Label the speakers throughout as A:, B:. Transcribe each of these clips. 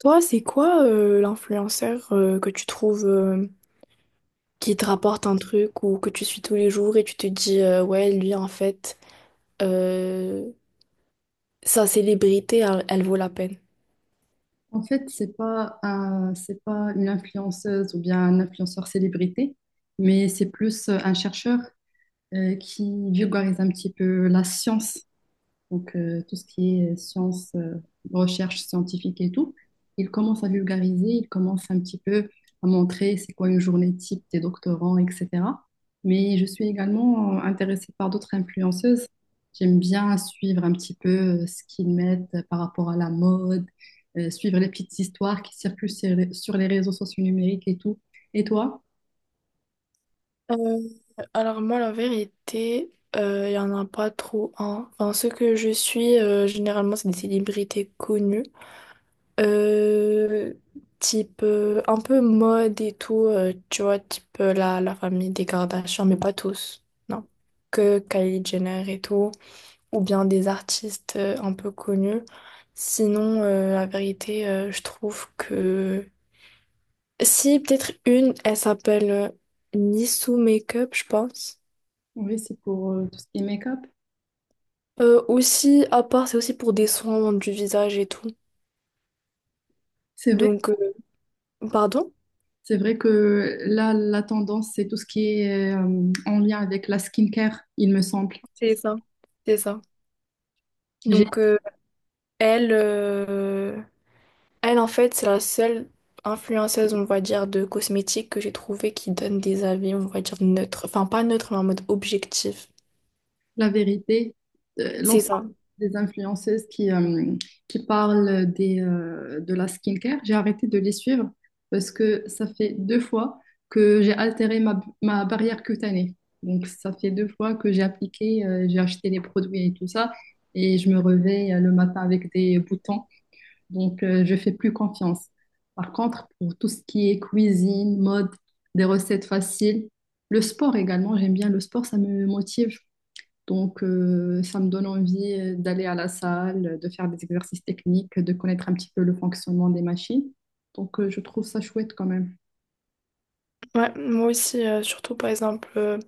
A: Toi, c'est quoi l'influenceur que tu trouves qui te rapporte un truc ou que tu suis tous les jours et tu te dis ouais, lui en fait, euh, sa célébrité, elle vaut la peine.
B: En fait, c'est pas une influenceuse ou bien un influenceur célébrité, mais c'est plus un chercheur qui vulgarise un petit peu la science donc tout ce qui est sciences, recherche scientifique et tout, il commence à vulgariser, il commence un petit peu à montrer c'est quoi une journée type des doctorants, etc. Mais je suis également intéressée par d'autres influenceuses. J'aime bien suivre un petit peu ce qu'ils mettent par rapport à la mode, suivre les petites histoires qui circulent sur les réseaux sociaux numériques et tout. Et toi?
A: Euh, alors moi, la vérité, il y en a pas trop un. Enfin, ceux que je suis, généralement, c'est des célébrités connues. Euh, type un peu mode et tout, tu vois, type la famille des Kardashian, mais pas tous. Non. Que Kylie Jenner et tout. Ou bien des artistes un peu connus. Sinon, la vérité, je trouve que... Si, peut-être une, elle s'appelle Nissou Makeup, je pense.
B: Oui, c'est pour tout ce qui est make-up.
A: Aussi, à part, c'est aussi pour des soins du visage et tout.
B: C'est vrai.
A: Donc, pardon?
B: C'est vrai que là, la tendance, c'est tout ce qui est en lien avec la skincare, il me semble.
A: C'est ça. C'est ça.
B: J'ai
A: Donc, elle, euh, elle, en fait, c'est la seule influenceuse, on va dire, de cosmétiques que j'ai trouvé qui donne des avis, on va dire, neutres. Enfin, pas neutres, mais en mode objectif.
B: la vérité,
A: C'est
B: l'ensemble
A: ça.
B: des influenceuses qui parlent de la skincare, j'ai arrêté de les suivre parce que ça fait deux fois que j'ai altéré ma barrière cutanée. Donc, ça fait deux fois que j'ai j'ai acheté les produits et tout ça, et je me réveille le matin avec des boutons. Donc, je fais plus confiance. Par contre, pour tout ce qui est cuisine, mode, des recettes faciles, le sport également, j'aime bien le sport, ça me motive. Donc, ça me donne envie d'aller à la salle, de faire des exercices techniques, de connaître un petit peu le fonctionnement des machines. Donc, je trouve ça chouette quand même.
A: Ouais, moi aussi, surtout par exemple,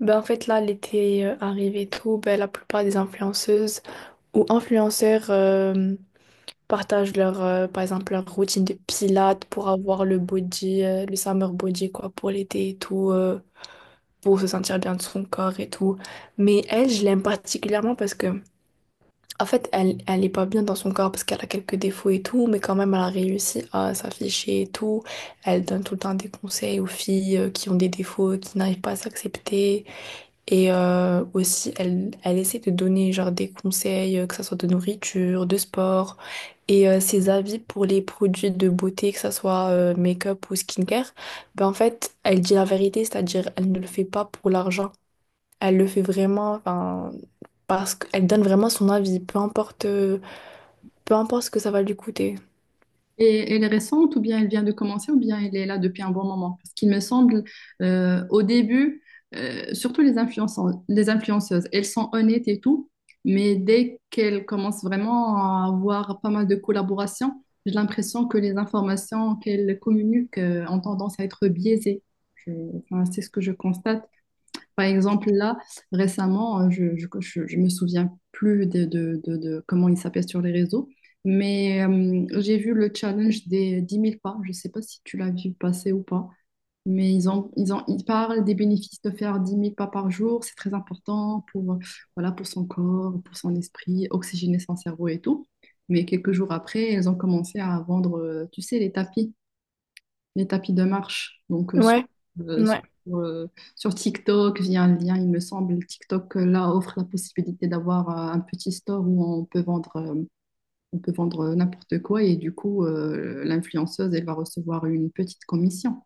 A: ben en fait là, l'été arrive et tout, ben la plupart des influenceuses ou influenceurs partagent leur, par exemple, leur routine de pilates pour avoir le body, le summer body quoi, pour l'été et tout, pour se sentir bien de son corps et tout. Mais elle, je l'aime particulièrement parce que en fait, elle est pas bien dans son corps parce qu'elle a quelques défauts et tout, mais quand même, elle a réussi à s'afficher et tout. Elle donne tout le temps des conseils aux filles qui ont des défauts, qui n'arrivent pas à s'accepter. Et aussi, elle essaie de donner genre des conseils, que ça soit de nourriture, de sport, et ses avis pour les produits de beauté, que ça soit make-up ou skincare. Ben, en fait, elle dit la vérité, c'est-à-dire elle ne le fait pas pour l'argent. Elle le fait vraiment, enfin, parce qu'elle donne vraiment son avis, peu importe. Peu importe ce que ça va lui coûter.
B: Et elle est récente, ou bien elle vient de commencer, ou bien elle est là depuis un bon moment. Parce qu'il me semble, au début, surtout les influenceuses, elles sont honnêtes et tout, mais dès qu'elles commencent vraiment à avoir pas mal de collaborations, j'ai l'impression que les informations qu'elles communiquent, ont tendance à être biaisées. Je- enfin, c'est ce que je constate. Par exemple, là, récemment, hein, je, ne je, je me souviens plus de comment il s'appelle sur les réseaux, mais j'ai vu le challenge des 10 000 pas. Je ne sais pas si tu l'as vu passer ou pas, mais ils parlent des bénéfices de faire 10 000 pas par jour. C'est très important voilà, pour son corps, pour son esprit, oxygéner son cerveau et tout. Mais quelques jours après, ils ont commencé à vendre, tu sais, les tapis de marche. Donc,
A: Ouais,
B: euh,
A: ouais,
B: sur, euh, sur TikTok, via un lien, il me semble, TikTok là offre la possibilité d'avoir un petit store où on peut vendre, n'importe quoi et du coup, l'influenceuse, elle va recevoir une petite commission.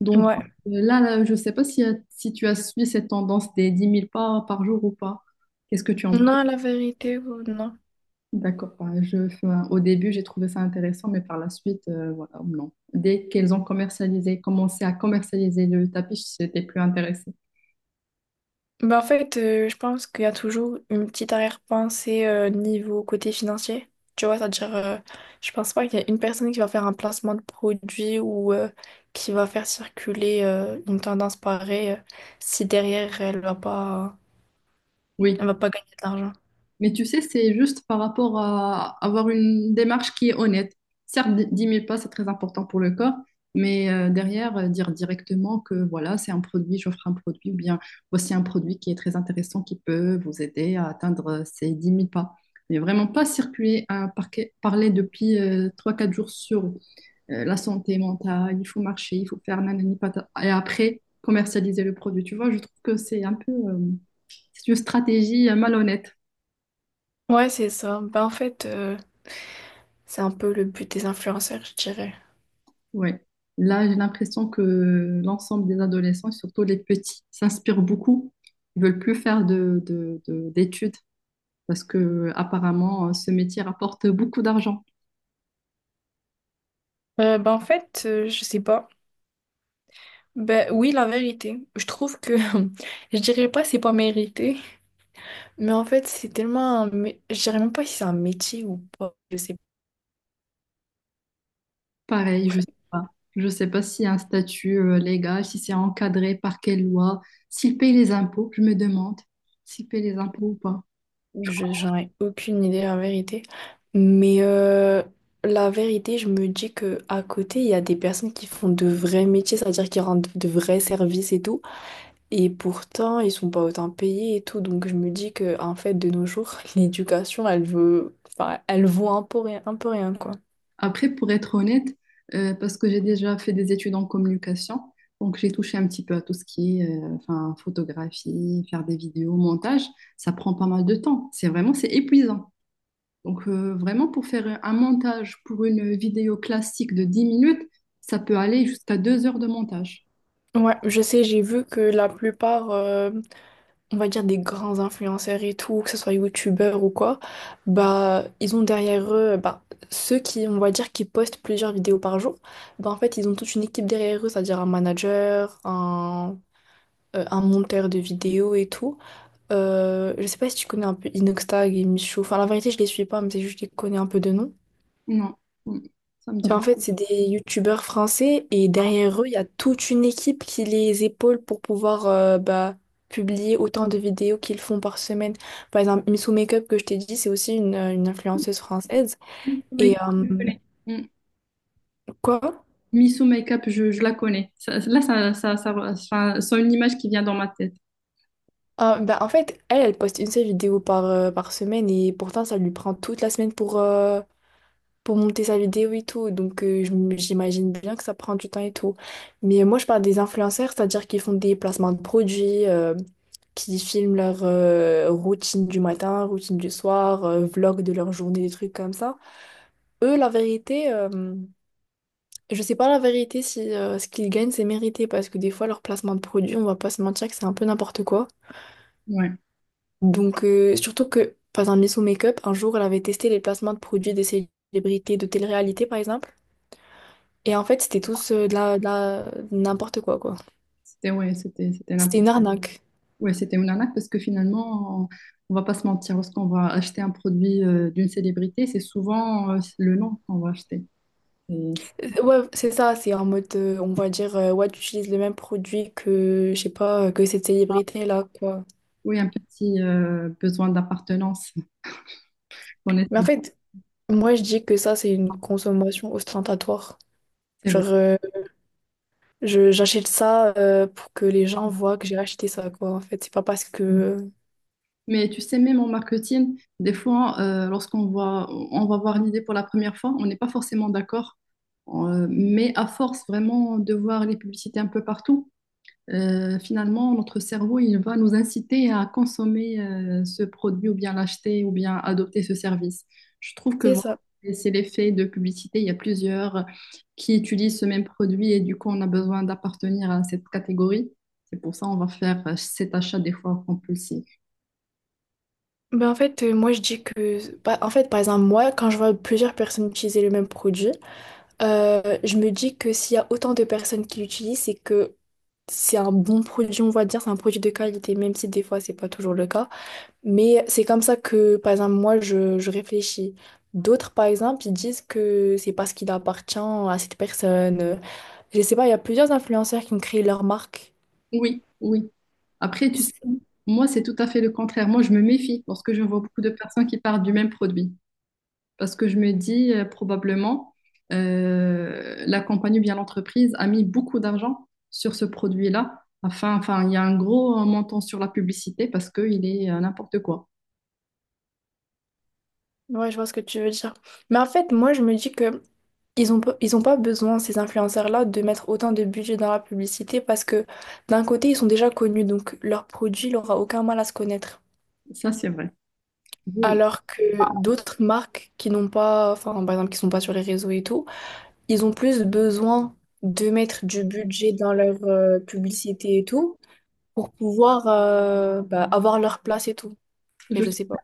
B: Donc,
A: ouais.
B: je ne sais pas si tu as suivi cette tendance des 10 000 pas par jour ou pas. Qu'est-ce que tu en penses?
A: Non, la vérité, non.
B: D'accord. Enfin, au début, j'ai trouvé ça intéressant, mais par la suite, voilà, non. Dès qu'elles ont commencé à commercialiser le tapis, j'étais plus intéressée.
A: Bah en fait, je pense qu'il y a toujours une petite arrière-pensée niveau côté financier. Tu vois, c'est-à-dire, je pense pas qu'il y a une personne qui va faire un placement de produit ou qui va faire circuler une tendance pareille si derrière
B: Oui.
A: elle va pas gagner de l'argent.
B: Mais tu sais, c'est juste par rapport à avoir une démarche qui est honnête. Certes, dix mille pas, c'est très important pour le corps, mais derrière, dire directement que voilà, c'est un produit, j'offre un produit, ou bien voici un produit qui est très intéressant, qui peut vous aider à atteindre ces 10 000 pas mais vraiment pas circuler à parler depuis 3 4 jours sur la santé mentale, il faut marcher, il faut faire nanani patata. Et après, commercialiser le produit. Tu vois, je trouve que c'est une stratégie malhonnête.
A: Ouais, c'est ça. Bah en fait, c'est un peu le but des influenceurs, je dirais.
B: Ouais. Là, j'ai l'impression que l'ensemble des adolescents, et surtout les petits, s'inspirent beaucoup. Ils veulent plus faire d'études parce que apparemment, ce métier rapporte beaucoup d'argent.
A: Ben, en fait, je sais pas. Ben oui, la vérité. Je trouve que je dirais pas c'est pas mérité, mais en fait c'est tellement un je dirais même pas si c'est un métier ou pas. Je sais pas.
B: Pareil, je sais pas. Je sais pas s'il y a un statut légal, si c'est encadré par quelle loi, s'ils payent les impôts. Je me demande s'ils payent les impôts ou pas.
A: Je j'en ai aucune idée la vérité. Mais la vérité, je me dis que à côté il y a des personnes qui font de vrais métiers, c'est-à-dire qui rendent de vrais services et tout, et pourtant ils sont pas autant payés et tout. Donc je me dis que en fait de nos jours l'éducation elle veut, enfin elle vaut un peu rien quoi.
B: Après, pour être honnête, parce que j'ai déjà fait des études en communication, donc j'ai touché un petit peu à tout ce qui est enfin, photographie, faire des vidéos, montage, ça prend pas mal de temps. C'est épuisant. Donc vraiment, pour faire un montage pour une vidéo classique de 10 minutes, ça peut aller jusqu'à 2 heures de montage.
A: Ouais, je sais, j'ai vu que la plupart, on va dire des grands influenceurs et tout, que ce soit youtubeurs ou quoi, bah ils ont derrière eux, bah ceux qui, on va dire, qui postent plusieurs vidéos par jour, bah en fait ils ont toute une équipe derrière eux, c'est-à-dire un manager, un monteur de vidéos et tout. Je sais pas si tu connais un peu Inoxtag et Michou, enfin la vérité je les suis pas, mais c'est juste que je les connais un peu de nom.
B: Non, Mm. Ça me
A: Ben,
B: dirait.
A: en fait, c'est des youtubeurs français et derrière eux, il y a toute une équipe qui les épaule pour pouvoir bah, publier autant de vidéos qu'ils font par semaine. Par exemple, Missou Makeup que je t'ai dit, c'est aussi une influenceuse française.
B: Miso
A: Et
B: Makeup, je connais. Mm.
A: quoi?
B: Miso Makeup, je la connais. Là, enfin, c'est une image qui vient dans ma tête.
A: Ben, en fait, elle poste une seule vidéo par semaine et pourtant, ça lui prend toute la semaine pour monter sa vidéo et tout. Donc, j'imagine bien que ça prend du temps et tout. Mais moi, je parle des influenceurs, c'est-à-dire qu'ils font des placements de produits, qui filment leur routine du matin, routine du soir, vlog de leur journée, des trucs comme ça. Eux, la vérité, je sais pas la vérité si ce qu'ils gagnent, c'est mérité, parce que des fois, leur placement de produits, on va pas se mentir que c'est un peu n'importe quoi.
B: Ouais,
A: Donc, surtout que, par exemple, Miss Make-up, un jour, elle avait testé les placements de produits des célébrités de télé-réalité, par exemple. Et en fait, c'était tous n'importe quoi, quoi.
B: ouais, c'était, c'était
A: C'était
B: n'importe
A: une arnaque.
B: Ouais, c'était une arnaque parce que finalement, on va pas se mentir, lorsqu'on va acheter un produit d'une célébrité, c'est souvent le nom qu'on va acheter. Et
A: Ouais, c'est ça, c'est en mode, on va dire, ouais, tu utilises le même produit que, je sais pas, que cette célébrité-là, quoi.
B: oui, un petit besoin d'appartenance. qu'on est-
A: Mais en fait, moi, je dis que ça, c'est une consommation ostentatoire.
B: C'est vrai.
A: Genre, j'achète ça pour que les gens voient que j'ai acheté ça, quoi, en fait. C'est pas parce que...
B: Mais tu sais, même en marketing, des fois, lorsqu'on va voir l'idée pour la première fois, on n'est pas forcément d'accord. Mais à force vraiment de voir les publicités un peu partout, Finalement, notre cerveau, il va nous inciter à consommer ce produit ou bien l'acheter ou bien adopter ce service. Je trouve que
A: C'est
B: voilà,
A: ça.
B: et c'est l'effet de publicité. Il y a plusieurs qui utilisent ce même produit et du coup, on a besoin d'appartenir à cette catégorie. C'est pour ça on va faire cet achat des fois compulsif.
A: Mais en fait, moi, je dis que... Bah, en fait, par exemple, moi, quand je vois plusieurs personnes utiliser le même produit, je me dis que s'il y a autant de personnes qui l'utilisent, c'est que c'est un bon produit, on va dire, c'est un produit de qualité, même si des fois c'est pas toujours le cas. Mais c'est comme ça que, par exemple, je réfléchis. D'autres, par exemple, ils disent que c'est parce qu'il appartient à cette personne. Je sais pas, il y a plusieurs influenceurs qui ont créé leur marque.
B: Oui, oui. Après, tu sais,
A: C'est-
B: moi, c'est tout à fait le contraire. Moi, je me méfie lorsque je vois beaucoup de personnes qui parlent du même produit. Parce que je me dis probablement la compagnie ou bien l'entreprise a mis beaucoup d'argent sur ce produit-là. Enfin, il y a un gros montant sur la publicité parce qu'il est n'importe quoi.
A: Ouais, je vois ce que tu veux dire. Mais en fait, moi je me dis que ils ont pas besoin, ces influenceurs-là, de mettre autant de budget dans la publicité parce que d'un côté, ils sont déjà connus, donc leur produit n'aura aucun mal à se connaître.
B: Ça, c'est vrai. Vous-
A: Alors que d'autres marques qui n'ont pas, enfin, par exemple, qui sont pas sur les réseaux et tout, ils ont plus besoin de mettre du budget dans leur publicité et tout pour pouvoir bah, avoir leur place et tout. Et
B: je
A: je
B: suis-
A: sais pas.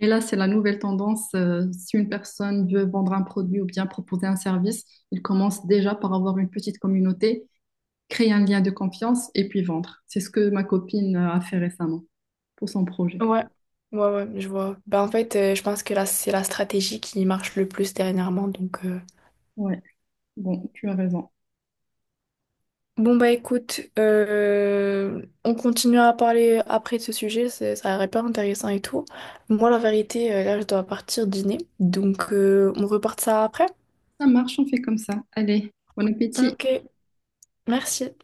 B: Et là, c'est la nouvelle tendance. Si une personne veut vendre un produit ou bien proposer un service, il commence déjà par avoir une petite communauté, créer un lien de confiance et puis vendre. C'est ce que ma copine a fait récemment pour son projet.
A: Ouais, ouais, ouais, je vois. Bah, en fait, je pense que là, c'est la stratégie qui marche le plus dernièrement. Donc.
B: Ouais, bon, tu as raison.
A: Bon, bah écoute, on continue à parler après de ce sujet, ça a l'air hyper intéressant et tout. Moi, la vérité, là, je dois partir dîner. Donc, on repart ça après.
B: Ça marche, on fait comme ça. Allez, bon appétit.
A: Ok, merci.